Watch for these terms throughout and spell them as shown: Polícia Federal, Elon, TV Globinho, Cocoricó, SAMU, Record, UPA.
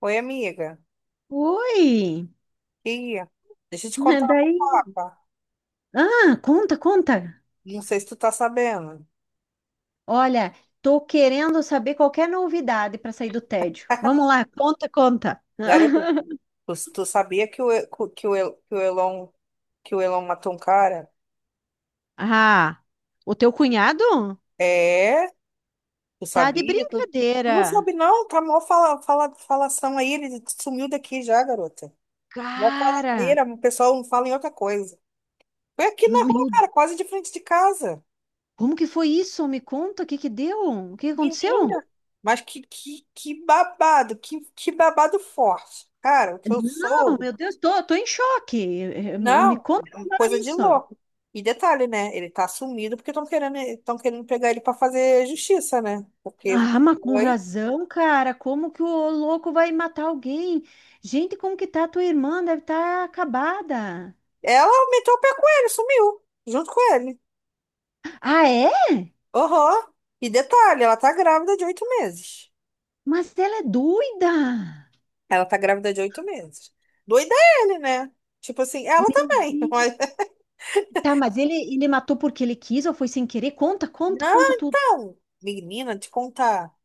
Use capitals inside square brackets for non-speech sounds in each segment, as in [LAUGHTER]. Oi, amiga. Oi! E deixa eu te contar [LAUGHS] uma Daí. fofoca. Ah, conta, conta. Não sei se tu tá sabendo. Olha, tô querendo saber qualquer novidade para sair do tédio. Vamos lá, conta, conta. Garota, [LAUGHS] tu sabia que o, E- que o, E- que o Elon matou um cara? Ah, o teu cunhado? É, tu Tá de sabia? Tu não brincadeira. sabe não, tá mó falação aí, ele sumiu daqui já, garota. Mó Cara, faladeira, o pessoal não fala em outra coisa. Foi aqui na rua, meu, cara, quase de frente de casa. como que foi isso? Me conta, o que que deu? O que que aconteceu? Menina, mas que babado, que babado forte. Cara, o que eu Não, soube. meu Deus, tô, tô em choque. Me Não, conta mais coisa de isso. louco. E detalhe, né? Ele tá sumido porque estão querendo pegar ele pra fazer justiça, né? Porque Ah, mas com foi. razão, cara. Como que o louco vai matar alguém? Gente, como que tá a tua irmã? Deve estar acabada. Ela meteu o pé com ele, sumiu, junto com ele. Ah, é? Aham. E detalhe, ela tá grávida de 8 meses. Mas ela é doida. Ela tá grávida de oito meses. Doida é ele, né? Tipo assim, ela Meu também. [LAUGHS] Deus. Tá, mas ele matou porque ele quis ou foi sem querer? Conta, conta, Não, conta tudo. menina, te contar.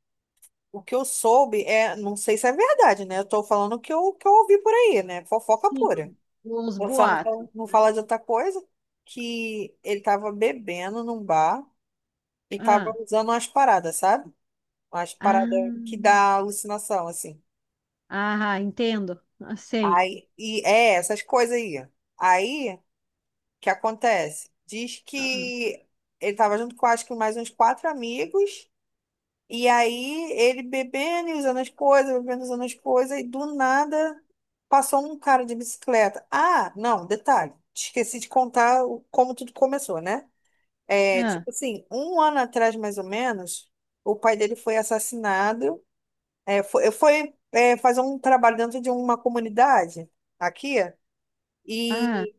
O que eu soube é, não sei se é verdade, né? Eu tô falando o que eu ouvi por aí, né? Fofoca Sim, pura. os Vou só não, boatos. Não falar de outra coisa, que ele tava bebendo num bar e tava Ah, usando umas paradas, sabe? Umas paradas que ah, dá alucinação, assim. Entendo. Ah, sei. Aí, e é essas coisas aí. Aí, o que acontece? Diz Ah, que ele tava junto com, acho que mais uns quatro amigos, e aí ele bebendo e usando as coisas, bebendo e usando as coisas, e do nada passou um cara de bicicleta. Ah, não, detalhe, esqueci de contar como tudo começou, né? É, ah, tipo assim, um ano atrás, mais ou menos, o pai dele foi assassinado. É, foi, é, fazer um trabalho dentro de uma comunidade aqui, ah. e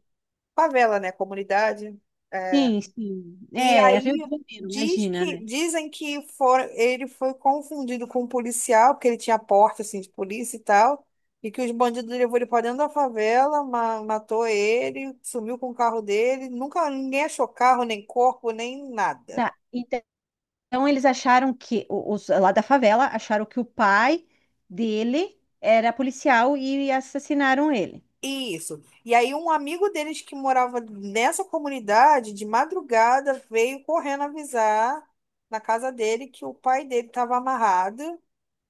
favela, né? Comunidade. É, Sim, sim. e É, Rio aí de Janeiro, diz imagina, que, né? dizem que foram, ele foi confundido com um policial, porque ele tinha porta assim, de polícia e tal, e que os bandidos levou ele para dentro da favela, matou ele, sumiu com o carro dele, nunca ninguém achou carro, nem corpo, nem nada. Tá, então eles acharam que o- os lá da favela acharam que o pai dele era policial e assassinaram ele. Isso. E aí um amigo deles que morava nessa comunidade, de madrugada, veio correndo avisar na casa dele que o pai dele estava amarrado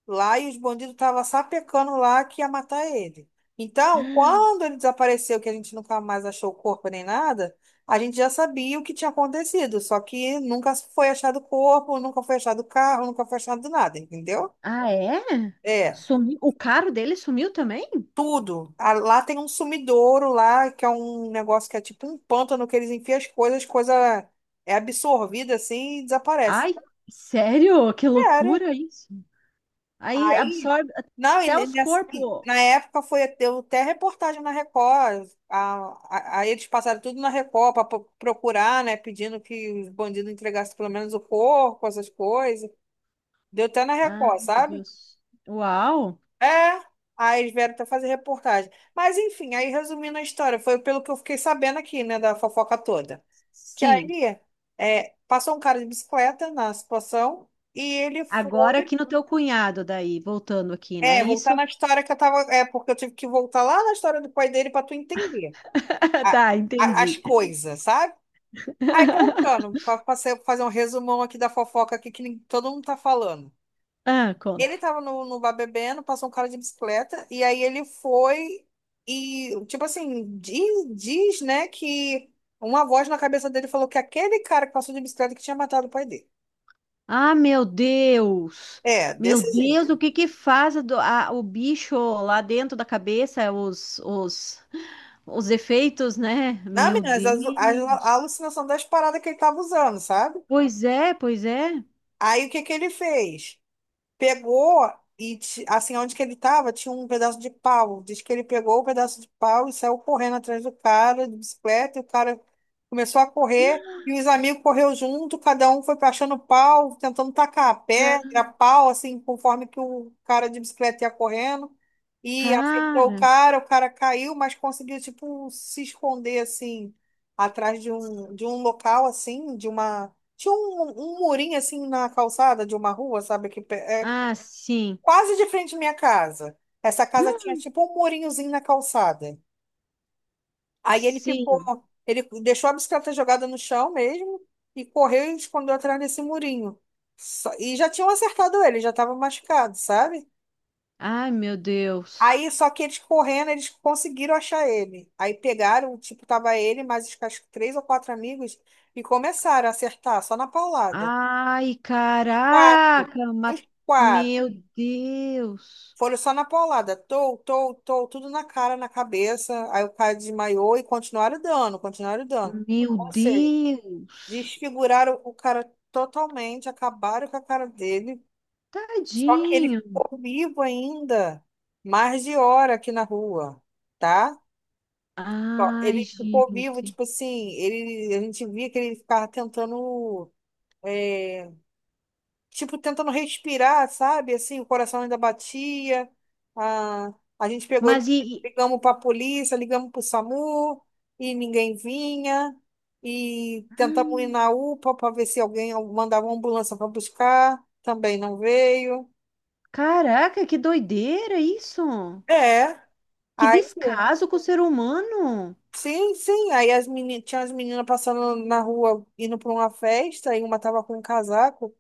lá e os bandidos estavam sapecando lá que ia matar ele. Então, quando ele desapareceu, que a gente nunca mais achou o corpo nem nada, a gente já sabia o que tinha acontecido, só que nunca foi achado o corpo, nunca foi achado o carro, nunca foi achado nada, entendeu? Ah, é? É. Sumiu. O carro dele sumiu também? Tudo. Ah, lá tem um sumidouro lá, que é um negócio que é tipo um pântano que eles enfiam as coisas, coisa é absorvida assim e desaparece. Ai, sério? Que Sério. loucura isso. Aí Aí, absorve não, até e os e corpos. na época foi deu até reportagem na Record. Aí eles passaram tudo na Record para procurar, né? Pedindo que os bandidos entregassem pelo menos o corpo, essas coisas. Deu até na Ah, Record, meu sabe? Deus. Uau. É, aí eles vieram até fazer reportagem. Mas enfim, aí resumindo a história, foi pelo que eu fiquei sabendo aqui, né, da fofoca toda. Que Sim. aí é, passou um cara de bicicleta na situação e ele Agora foi. aqui no teu cunhado daí, voltando aqui, né? É, voltar Isso. na história que eu tava. É, porque eu tive que voltar lá na história do pai dele para tu entender [LAUGHS] a- Tá, as entendi. coisas, sabe? Aí [LAUGHS] voltando, para fazer um resumão aqui da fofoca aqui que todo mundo tá falando. Ah, Ele conta. tava no, no bar bebendo, passou um cara de bicicleta, e aí ele foi e, tipo assim, diz, né, que uma voz na cabeça dele falou que aquele cara que passou de bicicleta que tinha matado o pai dele. Ah, meu Deus! É, Meu desse jeito. Deus, o que que faz a do- a- o bicho lá dentro da cabeça, os efeitos, né? Não, Meu meninas, Deus! alucinação das paradas que ele tava usando, sabe? Pois é, pois é. Aí o que que ele fez? Pegou e, assim, onde que ele tava, tinha um pedaço de pau. Diz que ele pegou o pedaço de pau e saiu correndo atrás do cara, de bicicleta, e o cara começou a correr, e os amigos correu junto, cada um foi achando pau, tentando tacar Ga- pedra, pau, assim, conforme que o cara de bicicleta ia correndo, e acertou cara, o cara caiu, mas conseguiu, tipo, se esconder, assim, atrás de um local, assim, de uma. Tinha um, um murinho assim na calçada de uma rua, sabe? Que ah, sim. quase de frente à minha casa. Essa casa tinha Hum, tipo um murinhozinho na calçada. Aí ele ficou, sim. ele deixou a bicicleta jogada no chão mesmo e correu e escondeu atrás desse murinho. E já tinham acertado ele, já estava machucado, sabe? Ai, meu Deus. Aí só que eles correndo, eles conseguiram achar ele. Aí pegaram, tipo, tava ele, mais os acho que três ou quatro amigos e começaram a acertar só na paulada. Ai, Os quatro, caraca, ma- os meu quatro. Deus. Foram só na paulada, tou, tou, tou, tudo na cara, na cabeça. Aí o cara desmaiou e continuaram dando, continuaram dando. Meu Ou seja, Deus. desfiguraram o cara totalmente, acabaram com a cara dele. Só que ele Tadinho. ficou vivo ainda, mais de hora aqui na rua, tá? Ó, Ai, ele ficou vivo, gente. tipo assim, ele, a gente via que ele ficava tentando eh, tipo, tentando respirar, sabe? Assim, o coração ainda batia. A, a gente pegou, e Mas ligamos para a polícia, ligamos para o SAMU e ninguém vinha. E tentamos ir e- na UPA para ver se alguém mandava uma ambulância para buscar, também não veio. caraca, que doideira isso! É. Que Aí, descaso com o ser humano! sim, sim. Aí as tinha as meninas passando na rua indo para uma festa e uma tava com um casaco.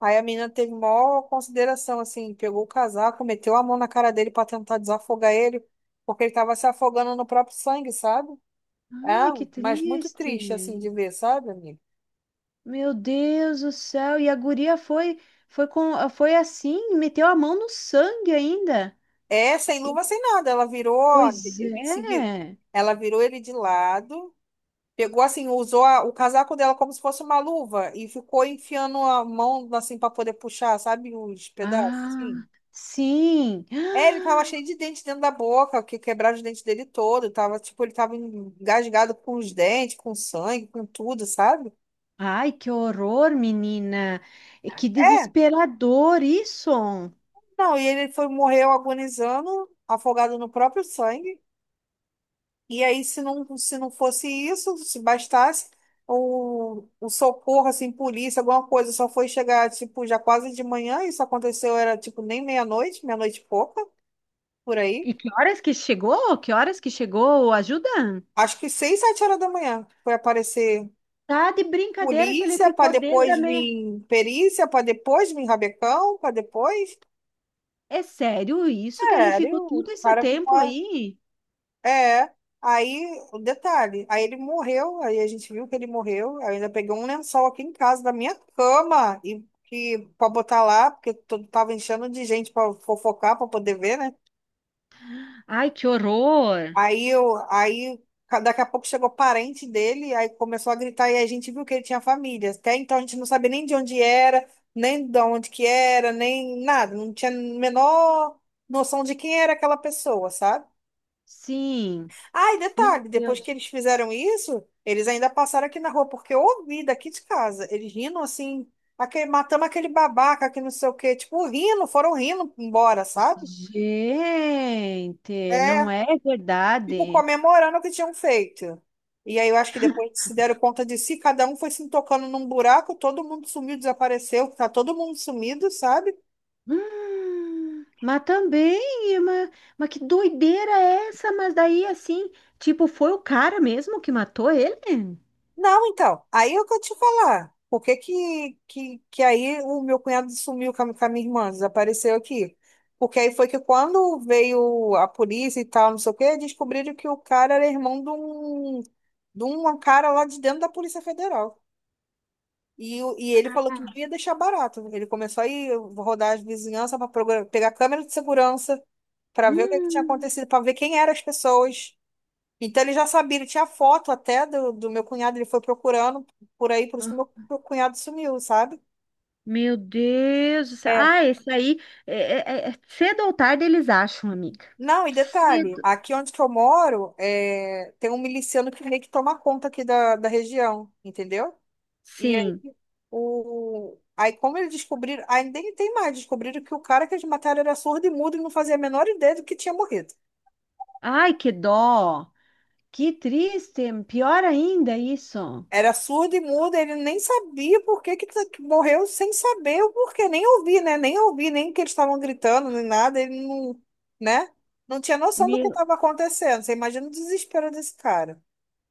Aí a menina teve maior consideração, assim, pegou o casaco, meteu a mão na cara dele para tentar desafogar ele, porque ele estava se afogando no próprio sangue, sabe? Ai, Ah, que mas muito triste, assim, de triste! ver, sabe, amigo? Meu Deus do céu! E a guria foi foi com foi assim, meteu a mão no sangue ainda. É, sem luva, sem nada. Ela virou, Pois se vi- é. ela virou ele de lado, pegou, assim, usou o casaco dela como se fosse uma luva e ficou enfiando a mão, assim, para poder puxar, sabe, os pedaços, Ah, assim. sim. É, ele tava cheio de dente dentro da boca, que quebraram os dentes dele todo. Tava, tipo, ele tava engasgado com os dentes, com sangue, com tudo, sabe? Ai, que horror, menina. E que É. desesperador isso. Não, e ele foi, morreu agonizando, afogado no próprio sangue. E aí, se não fosse isso, se bastasse, o socorro, assim, polícia, alguma coisa, só foi chegar, tipo, já quase de manhã. Isso aconteceu, era, tipo, nem meia-noite, meia-noite e pouca, por aí. E que horas que chegou? Que horas que chegou? A ajuda? Acho que 6, 7 horas da manhã foi aparecer Tá de brincadeira que ele polícia, para ficou desde depois a meia. vir perícia, para depois vir rabecão, para depois. É sério isso que ele Sério, ficou o todo esse cara tempo ficou. aí? É. Aí, o detalhe, aí ele morreu, aí a gente viu que ele morreu. Eu ainda peguei um lençol aqui em casa da minha cama e que para botar lá, porque todo tava enchendo de gente para fofocar, para poder ver, né? Ai, que horror! Aí eu, aí daqui a pouco chegou parente dele, aí começou a gritar e a gente viu que ele tinha família. Até então a gente não sabia nem de onde era, nem de onde que era, nem nada, não tinha a menor noção de quem era aquela pessoa, sabe? Sim, Ah, e meu detalhe, depois que Deus. eles fizeram isso, eles ainda passaram aqui na rua, porque eu ouvi daqui de casa, eles rindo assim, aquele, matamos aquele babaca, que não sei o quê, tipo, rindo, foram rindo embora, sabe? Gente, É. não é Tipo, verdade. comemorando o que tinham feito. E aí eu acho que depois que se deram conta de si, cada um foi se tocando num buraco, todo mundo sumiu, desapareceu, tá todo mundo sumido, sabe? Mas também, mas que doideira é essa? Mas daí, assim, tipo, foi o cara mesmo que matou ele? Não, então, aí é o que eu te falar. Por que que aí o meu cunhado sumiu com a minha irmã, desapareceu aqui? Porque aí foi que quando veio a polícia e tal, não sei o quê, descobriram que o cara era irmão de um cara lá de dentro da Polícia Federal. E, e ele falou que não ia deixar barato. Ele começou a ir rodar as vizinhanças para pegar câmera de segurança para ver o que, é que tinha Hum, acontecido, para ver quem eram as pessoas. Então ele já sabia, ele tinha foto até do, do meu cunhado, ele foi procurando por aí, por isso que meu cunhado sumiu, sabe? Meu Deus do céu. É. Ah, esse aí, é, é- é- é cedo ou tarde eles acham, amiga. Não, e detalhe, Cedo. aqui onde que eu moro, é, tem um miliciano que meio que toma conta aqui da, da região, entendeu? E Sim. Aí, como eles descobriram, aí nem tem mais, descobriram que o cara que eles mataram era surdo e mudo e não fazia a menor ideia do que tinha morrido. Ai, que dó. Que triste. Pior ainda isso. Era surdo e mudo, ele nem sabia por que, que morreu, sem saber o porquê, nem ouvi, né? Nem ouvi, nem que eles estavam gritando, nem nada, ele não, né? Não tinha noção do que Meu, estava acontecendo. Você imagina o desespero desse cara.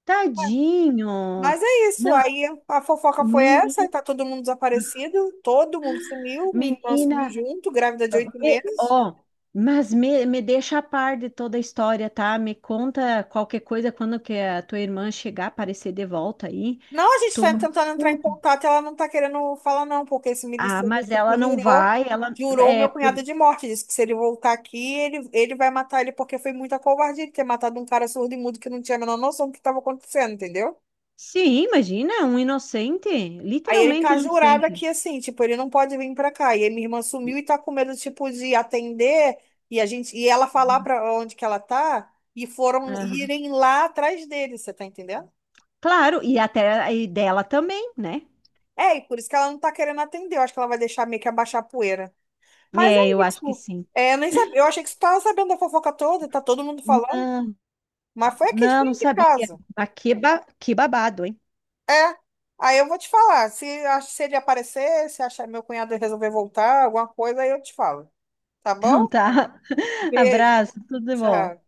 tadinho. Mas é isso, Não, aí a fofoca foi essa, aí menina, tá todo mundo desaparecido, todo mundo sumiu, minha irmã sumiu menina, junto, grávida de oito me- meses. ó, mas me deixa a par de toda a história, tá? Me conta qualquer coisa quando que a tua irmã chegar, aparecer de volta aí. Não, a gente Tu está me tentando entrar em conta. contato, ela não está querendo falar, não, porque esse Ah, miliciano mas que ela não jurou, vai, ela jurou o é meu por cunhado de morte. Disse que se ele voltar aqui, ele vai matar ele, porque foi muita covardia ele ter matado um cara surdo e mudo que não tinha a menor noção do que estava acontecendo, entendeu? sim, imagina, um inocente, Aí ele literalmente tá jurado aqui inocente. assim, tipo, ele não pode vir pra cá. E aí minha irmã E- sumiu e tá com medo, tipo, de atender e a gente e ela falar pra onde que ela tá e foram aham. irem lá atrás dele, você tá entendendo? Claro, e até e dela também, né? É, e por isso que ela não tá querendo atender. Eu acho que ela vai deixar meio que abaixar a poeira. Mas é É, eu acho que isso. sim. É, eu nem sabia. Eu achei que você estava sabendo da fofoca toda, tá todo mundo falando, Não, mas foi aqui de não, não frente de sabia. casa. Mas que, ba- que babado, hein? É. Aí eu vou te falar. Se, se ele aparecer, se achar meu cunhado resolver voltar, alguma coisa, aí eu te falo. Tá bom? Então tá. [LAUGHS] Beijo. Abraço, tudo de bom. Tchau.